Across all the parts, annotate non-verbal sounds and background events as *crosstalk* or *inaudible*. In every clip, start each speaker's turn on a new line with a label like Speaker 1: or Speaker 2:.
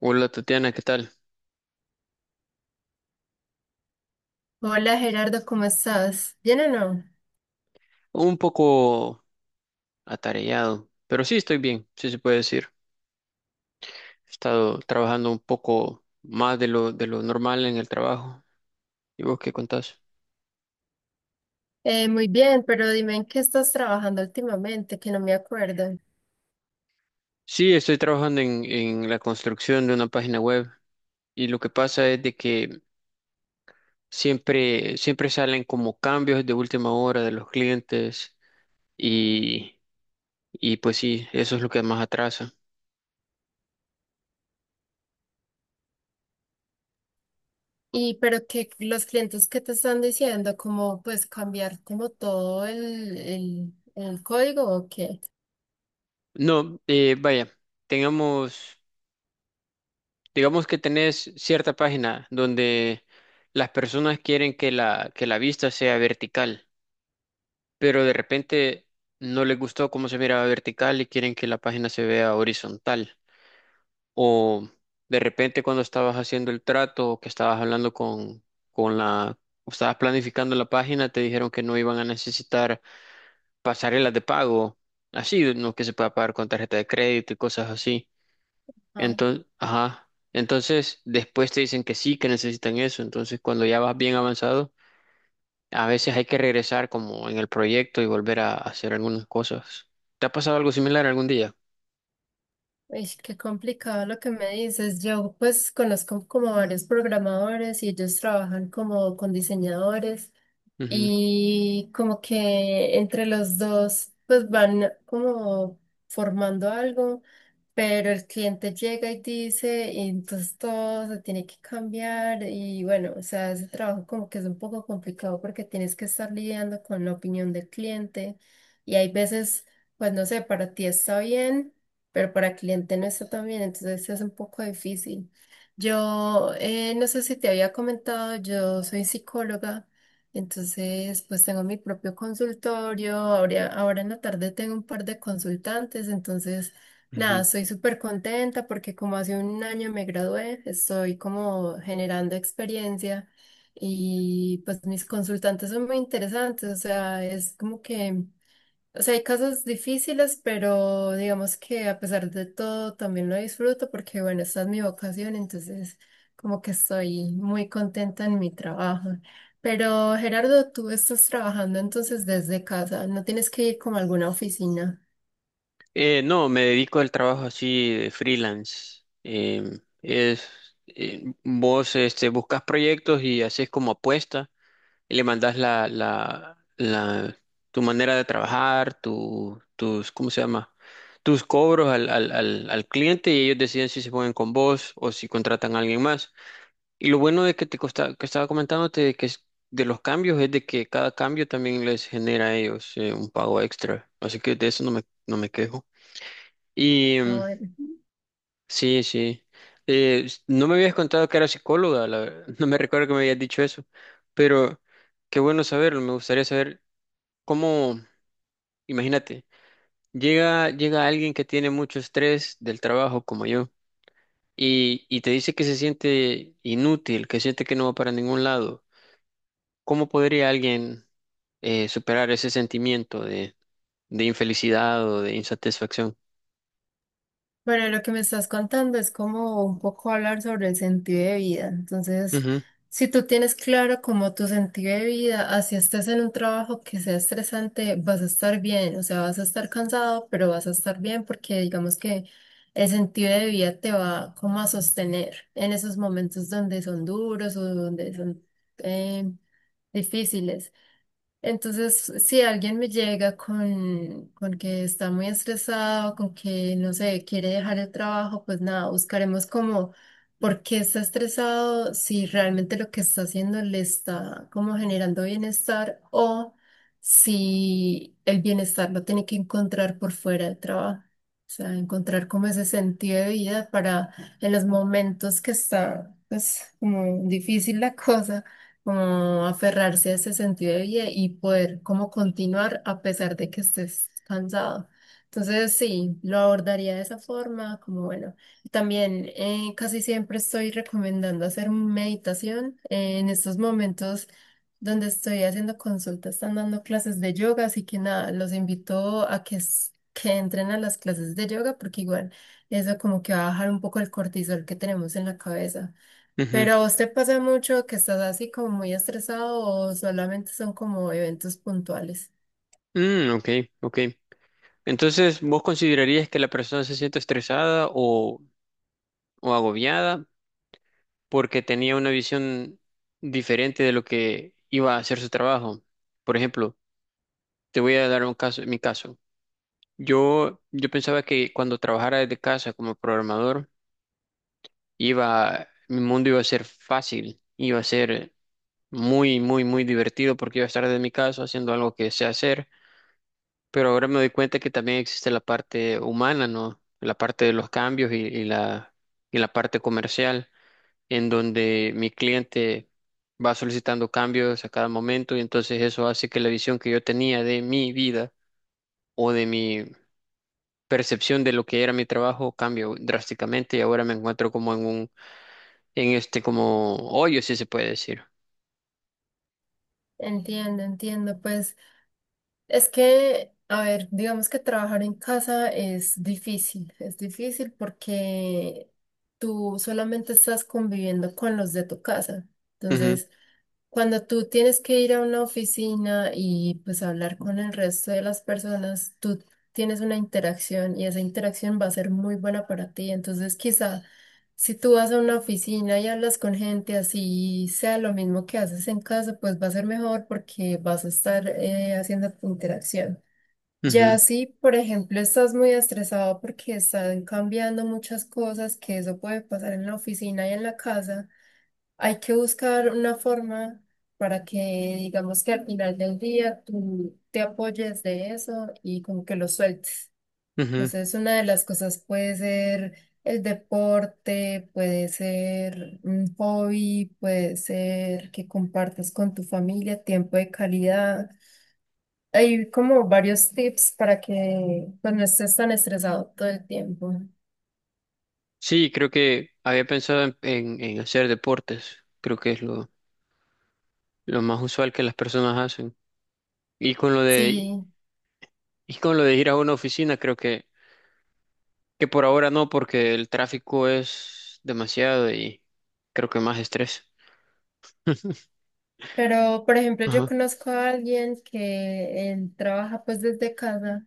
Speaker 1: Hola Tatiana, ¿qué tal?
Speaker 2: Hola Gerardo, ¿cómo estás? ¿Bien o no?
Speaker 1: Un poco atareado, pero sí estoy bien, sí se puede decir. He estado trabajando un poco más de de lo normal en el trabajo. ¿Y vos qué contás?
Speaker 2: Muy bien, pero dime en qué estás trabajando últimamente, que no me acuerdo.
Speaker 1: Sí, estoy trabajando en la construcción de una página web y lo que pasa es de que siempre salen como cambios de última hora de los clientes y, y pues sí, eso es lo que más atrasa.
Speaker 2: Y pero que los clientes que te están diciendo, cómo pues cambiar como todo el código o qué.
Speaker 1: No, vaya, tengamos... Digamos que tenés cierta página donde las personas quieren que que la vista sea vertical, pero de repente no les gustó cómo se miraba vertical y quieren que la página se vea horizontal. O de repente cuando estabas haciendo el trato o que estabas hablando con la, o estabas planificando la página, te dijeron que no iban a necesitar pasarelas de pago, así, no que se pueda pagar con tarjeta de crédito y cosas así.
Speaker 2: Ah,
Speaker 1: Entonces, ajá. Entonces, después te dicen que sí, que necesitan eso. Entonces, cuando ya vas bien avanzado, a veces hay que regresar como en el proyecto y volver a hacer algunas cosas. ¿Te ha pasado algo similar algún día?
Speaker 2: uish, qué complicado lo que me dices. Yo pues conozco como varios programadores y ellos trabajan como con diseñadores.
Speaker 1: Ujú,
Speaker 2: Y como que entre los dos pues van como formando algo, pero el cliente llega y dice, y entonces todo se tiene que cambiar y bueno, o sea, ese trabajo como que es un poco complicado porque tienes que estar lidiando con la opinión del cliente y hay veces, pues no sé, para ti está bien, pero para el cliente no está tan bien, entonces es un poco difícil. Yo no sé si te había comentado, yo soy psicóloga. Entonces, pues tengo mi propio consultorio, ahora en la tarde tengo un par de consultantes, entonces, nada,
Speaker 1: ujú.
Speaker 2: estoy súper contenta porque como hace un año me gradué, estoy como generando experiencia y pues mis consultantes son muy interesantes, o sea, es como que... O sea, hay casos difíciles, pero digamos que a pesar de todo también lo disfruto porque, bueno, esta es mi vocación, entonces como que estoy muy contenta en mi trabajo. Pero Gerardo, tú estás trabajando entonces desde casa, no tienes que ir como a alguna oficina.
Speaker 1: No, me dedico al trabajo así de freelance. Vos este, buscas proyectos y haces como apuesta y le mandas tu manera de trabajar, tus, ¿cómo se llama? Tus cobros al cliente y ellos deciden si se ponen con vos o si contratan a alguien más. Y lo bueno de que que estaba comentándote de que es de los cambios es de que cada cambio también les genera a ellos un pago extra. Así que de eso no me quejo. Y
Speaker 2: Ah, bueno.
Speaker 1: sí, sí. No me habías contado que era psicóloga, *laughs* no me recuerdo que me habías dicho eso, pero qué bueno saberlo, me gustaría saber. ¿Cómo? Imagínate, llega alguien que tiene mucho estrés del trabajo como yo y te dice que se siente inútil, que siente que no va para ningún lado. ¿Cómo podría alguien superar ese sentimiento de infelicidad o de insatisfacción?
Speaker 2: Bueno, lo que me estás contando es como un poco hablar sobre el sentido de vida. Entonces,
Speaker 1: Ujú,
Speaker 2: si tú tienes claro como tu sentido de vida, así estés en un trabajo que sea estresante, vas a estar bien, o sea, vas a estar cansado, pero vas a estar bien porque digamos que el sentido de vida te va como a sostener en esos momentos donde son duros o donde son eh, difíciles. Entonces, si alguien me llega con que está muy estresado, con que, no sé, quiere dejar el trabajo, pues nada, buscaremos como por qué está estresado, si realmente lo que está haciendo le está como generando bienestar o si el bienestar lo tiene que encontrar por fuera del trabajo. O sea, encontrar como ese sentido de vida para en los momentos que está, pues, como difícil la cosa como aferrarse a ese sentido de vida y poder como continuar a pesar de que estés cansado. Entonces, sí, lo abordaría de esa forma, como bueno. También casi siempre estoy recomendando hacer meditación en estos momentos donde estoy haciendo consultas, están dando clases de yoga, así que nada, los invito a que, que entren a las clases de yoga porque igual eso como que va a bajar un poco el cortisol que tenemos en la cabeza.
Speaker 1: ujú.
Speaker 2: Pero a usted pasa mucho que estás así como muy estresado o solamente son como eventos puntuales.
Speaker 1: Mm, ok, ok. Entonces, ¿vos considerarías que la persona se siente o agobiada porque tenía una visión diferente de lo que iba a hacer su trabajo? Por ejemplo, te voy a dar un caso, mi caso. Yo pensaba que cuando trabajara desde casa como programador, mi mundo iba a ser fácil, iba a ser muy divertido porque iba a estar desde mi casa haciendo algo que sé hacer, pero ahora me doy cuenta que también existe la parte humana, ¿no? La parte de los cambios y la parte comercial, en donde mi cliente va solicitando cambios a cada momento y entonces eso hace que la visión que yo tenía de mi vida o de mi percepción de lo que era mi trabajo cambió drásticamente y ahora me encuentro como en este como hoyo, si se puede decir.
Speaker 2: Entiendo, entiendo. Pues es que, a ver, digamos que trabajar en casa es difícil porque tú solamente estás conviviendo con los de tu casa.
Speaker 1: Ujú,
Speaker 2: Entonces, cuando tú tienes que ir a una oficina y pues hablar con el resto de las personas, tú tienes una interacción y esa interacción va a ser muy buena para ti. Entonces, quizá si tú vas a una oficina y hablas con gente así, sea lo mismo que haces en casa, pues va a ser mejor porque vas a estar haciendo tu interacción.
Speaker 1: ujú,
Speaker 2: Ya si, por ejemplo, estás muy estresado porque están cambiando muchas cosas, que eso puede pasar en la oficina y en la casa. Hay que buscar una forma para que digamos que al final del día tú te apoyes de eso y como que lo sueltes.
Speaker 1: ujú.
Speaker 2: Entonces, una de las cosas puede ser el deporte, puede ser un hobby, puede ser que compartas con tu familia tiempo de calidad. Hay como varios tips para que pues, no estés tan estresado todo el tiempo.
Speaker 1: Sí, creo que había pensado en hacer deportes. Creo que es lo más usual que las personas hacen. Y con
Speaker 2: Sí.
Speaker 1: y con lo de ir a una oficina, creo que por ahora no, porque el tráfico es demasiado y creo que más estrés.
Speaker 2: Pero, por ejemplo, yo
Speaker 1: Ajá.
Speaker 2: conozco a alguien que él trabaja pues desde casa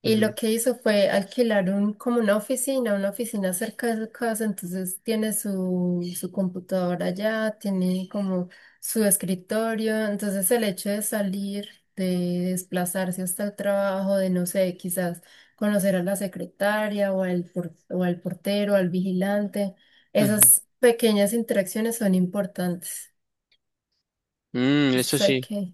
Speaker 2: y
Speaker 1: Ujú,
Speaker 2: lo que hizo fue alquilar un, como una oficina cerca de su casa, entonces tiene su computadora allá, tiene como su escritorio, entonces el hecho de salir, de desplazarse hasta el trabajo, de no sé, quizás conocer a la secretaria o al, o al portero, al vigilante,
Speaker 1: ujú.
Speaker 2: esas pequeñas interacciones son importantes.
Speaker 1: Mm, eso
Speaker 2: Sé
Speaker 1: sí.
Speaker 2: que...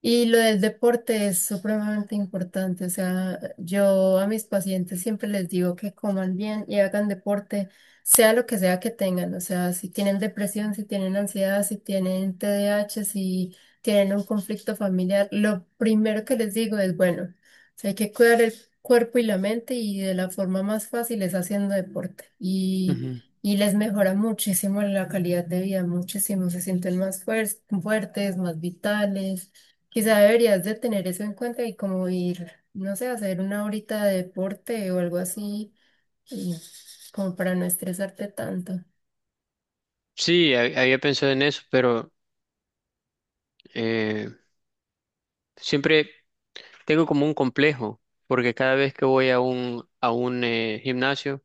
Speaker 2: Y lo del deporte es supremamente importante. O sea, yo a mis pacientes siempre les digo que coman bien y hagan deporte, sea lo que sea que tengan. O sea, si tienen depresión, si tienen ansiedad, si tienen TDAH, si tienen un conflicto familiar, lo primero que les digo es, bueno, o sea, hay que cuidar el cuerpo y la mente y de la forma más fácil es haciendo deporte.
Speaker 1: Ujú.
Speaker 2: Y les mejora muchísimo la calidad de vida, muchísimo. Se sienten más fuertes, más vitales. Quizá deberías de tener eso en cuenta y como ir, no sé, hacer una horita de deporte o algo así, y como para no estresarte tanto.
Speaker 1: Había pensado en eso, pero eh, siempre tengo como un complejo, porque cada vez que voy a a un gimnasio,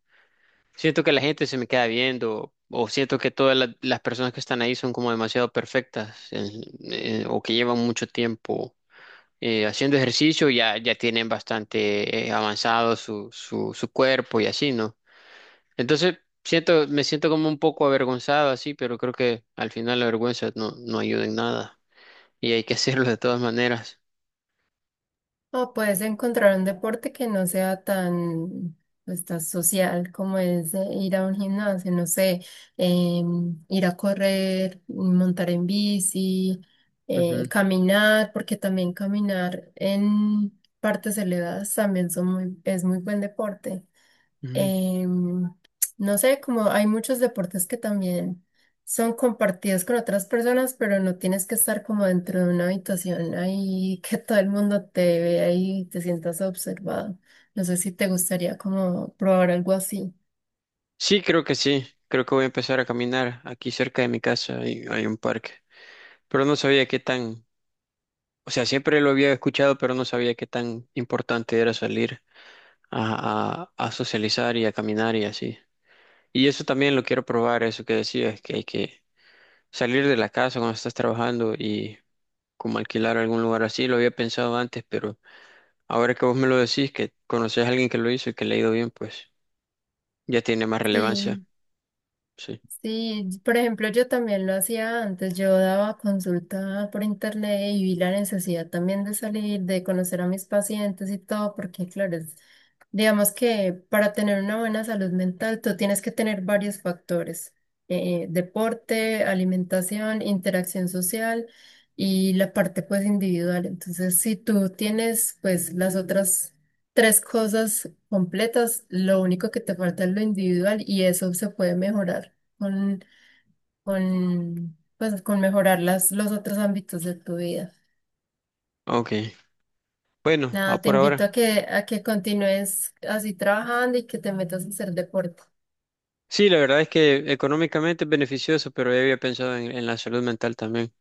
Speaker 1: siento que la gente se me queda viendo o siento que las personas que están ahí son como demasiado perfectas o que llevan mucho tiempo haciendo ejercicio, ya tienen bastante avanzado su cuerpo y así, ¿no? Entonces, me siento como un poco avergonzado así, pero creo que al final la vergüenza no ayuda en nada y hay que *laughs* hacerlo de todas maneras.
Speaker 2: O puedes encontrar un deporte que no sea tan, pues, tan social como es ir a un gimnasio, no sé, em, ir a correr, montar en bici,
Speaker 1: Ujú,
Speaker 2: caminar, porque también caminar en partes elevadas también son muy, es muy buen deporte.
Speaker 1: ujú.
Speaker 2: Em, no sé, como hay muchos deportes que también son compartidos con otras personas, pero no tienes que estar como dentro de una habitación ahí *laughs* que todo el mundo te vea y te sientas observado. No sé si te gustaría como probar algo así.
Speaker 1: Sí. Creo que voy a empezar a caminar aquí cerca de mi casa. Hay un parque. Pero no sabía qué tan, o sea, siempre lo había escuchado, pero no sabía qué tan importante era salir a socializar y a caminar y así. Y eso también lo quiero probar, eso que decías, que hay que salir de la casa cuando estás trabajando y como alquilar algún lugar así. Lo había pensado antes, pero ahora que vos me lo decís, que conoces a alguien que lo hizo y que le ha ido bien, pues ya tiene más relevancia.
Speaker 2: Sí,
Speaker 1: Sí.
Speaker 2: sí, por ejemplo, yo también lo hacía antes, yo daba consulta por internet y vi la necesidad también de salir, de conocer a mis pacientes y todo, porque claro, digamos que para tener una buena salud mental, tú tienes que tener varios factores, deporte, alimentación, interacción social y la parte pues individual. Entonces, si tú tienes pues las otras tres cosas completas, lo único que te falta es lo individual y eso se puede mejorar con, pues, con mejorar los otros ámbitos de tu vida.
Speaker 1: Ok. Bueno, a
Speaker 2: Nada, te
Speaker 1: por
Speaker 2: invito
Speaker 1: ahora.
Speaker 2: a que continúes así trabajando y que te metas a hacer deporte.
Speaker 1: Sí, la verdad es que económicamente es beneficioso, pero ya había pensado en la salud mental también.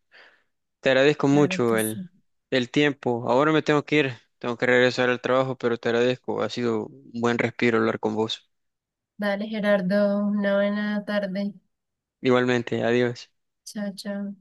Speaker 1: Te agradezco
Speaker 2: Claro
Speaker 1: mucho
Speaker 2: que sí.
Speaker 1: el tiempo. Ahora me tengo que ir, tengo que regresar al trabajo, pero te agradezco. Ha sido un buen respiro hablar con vos.
Speaker 2: Dale, Gerardo, una buena tarde.
Speaker 1: Igualmente, adiós.
Speaker 2: Chao, chao.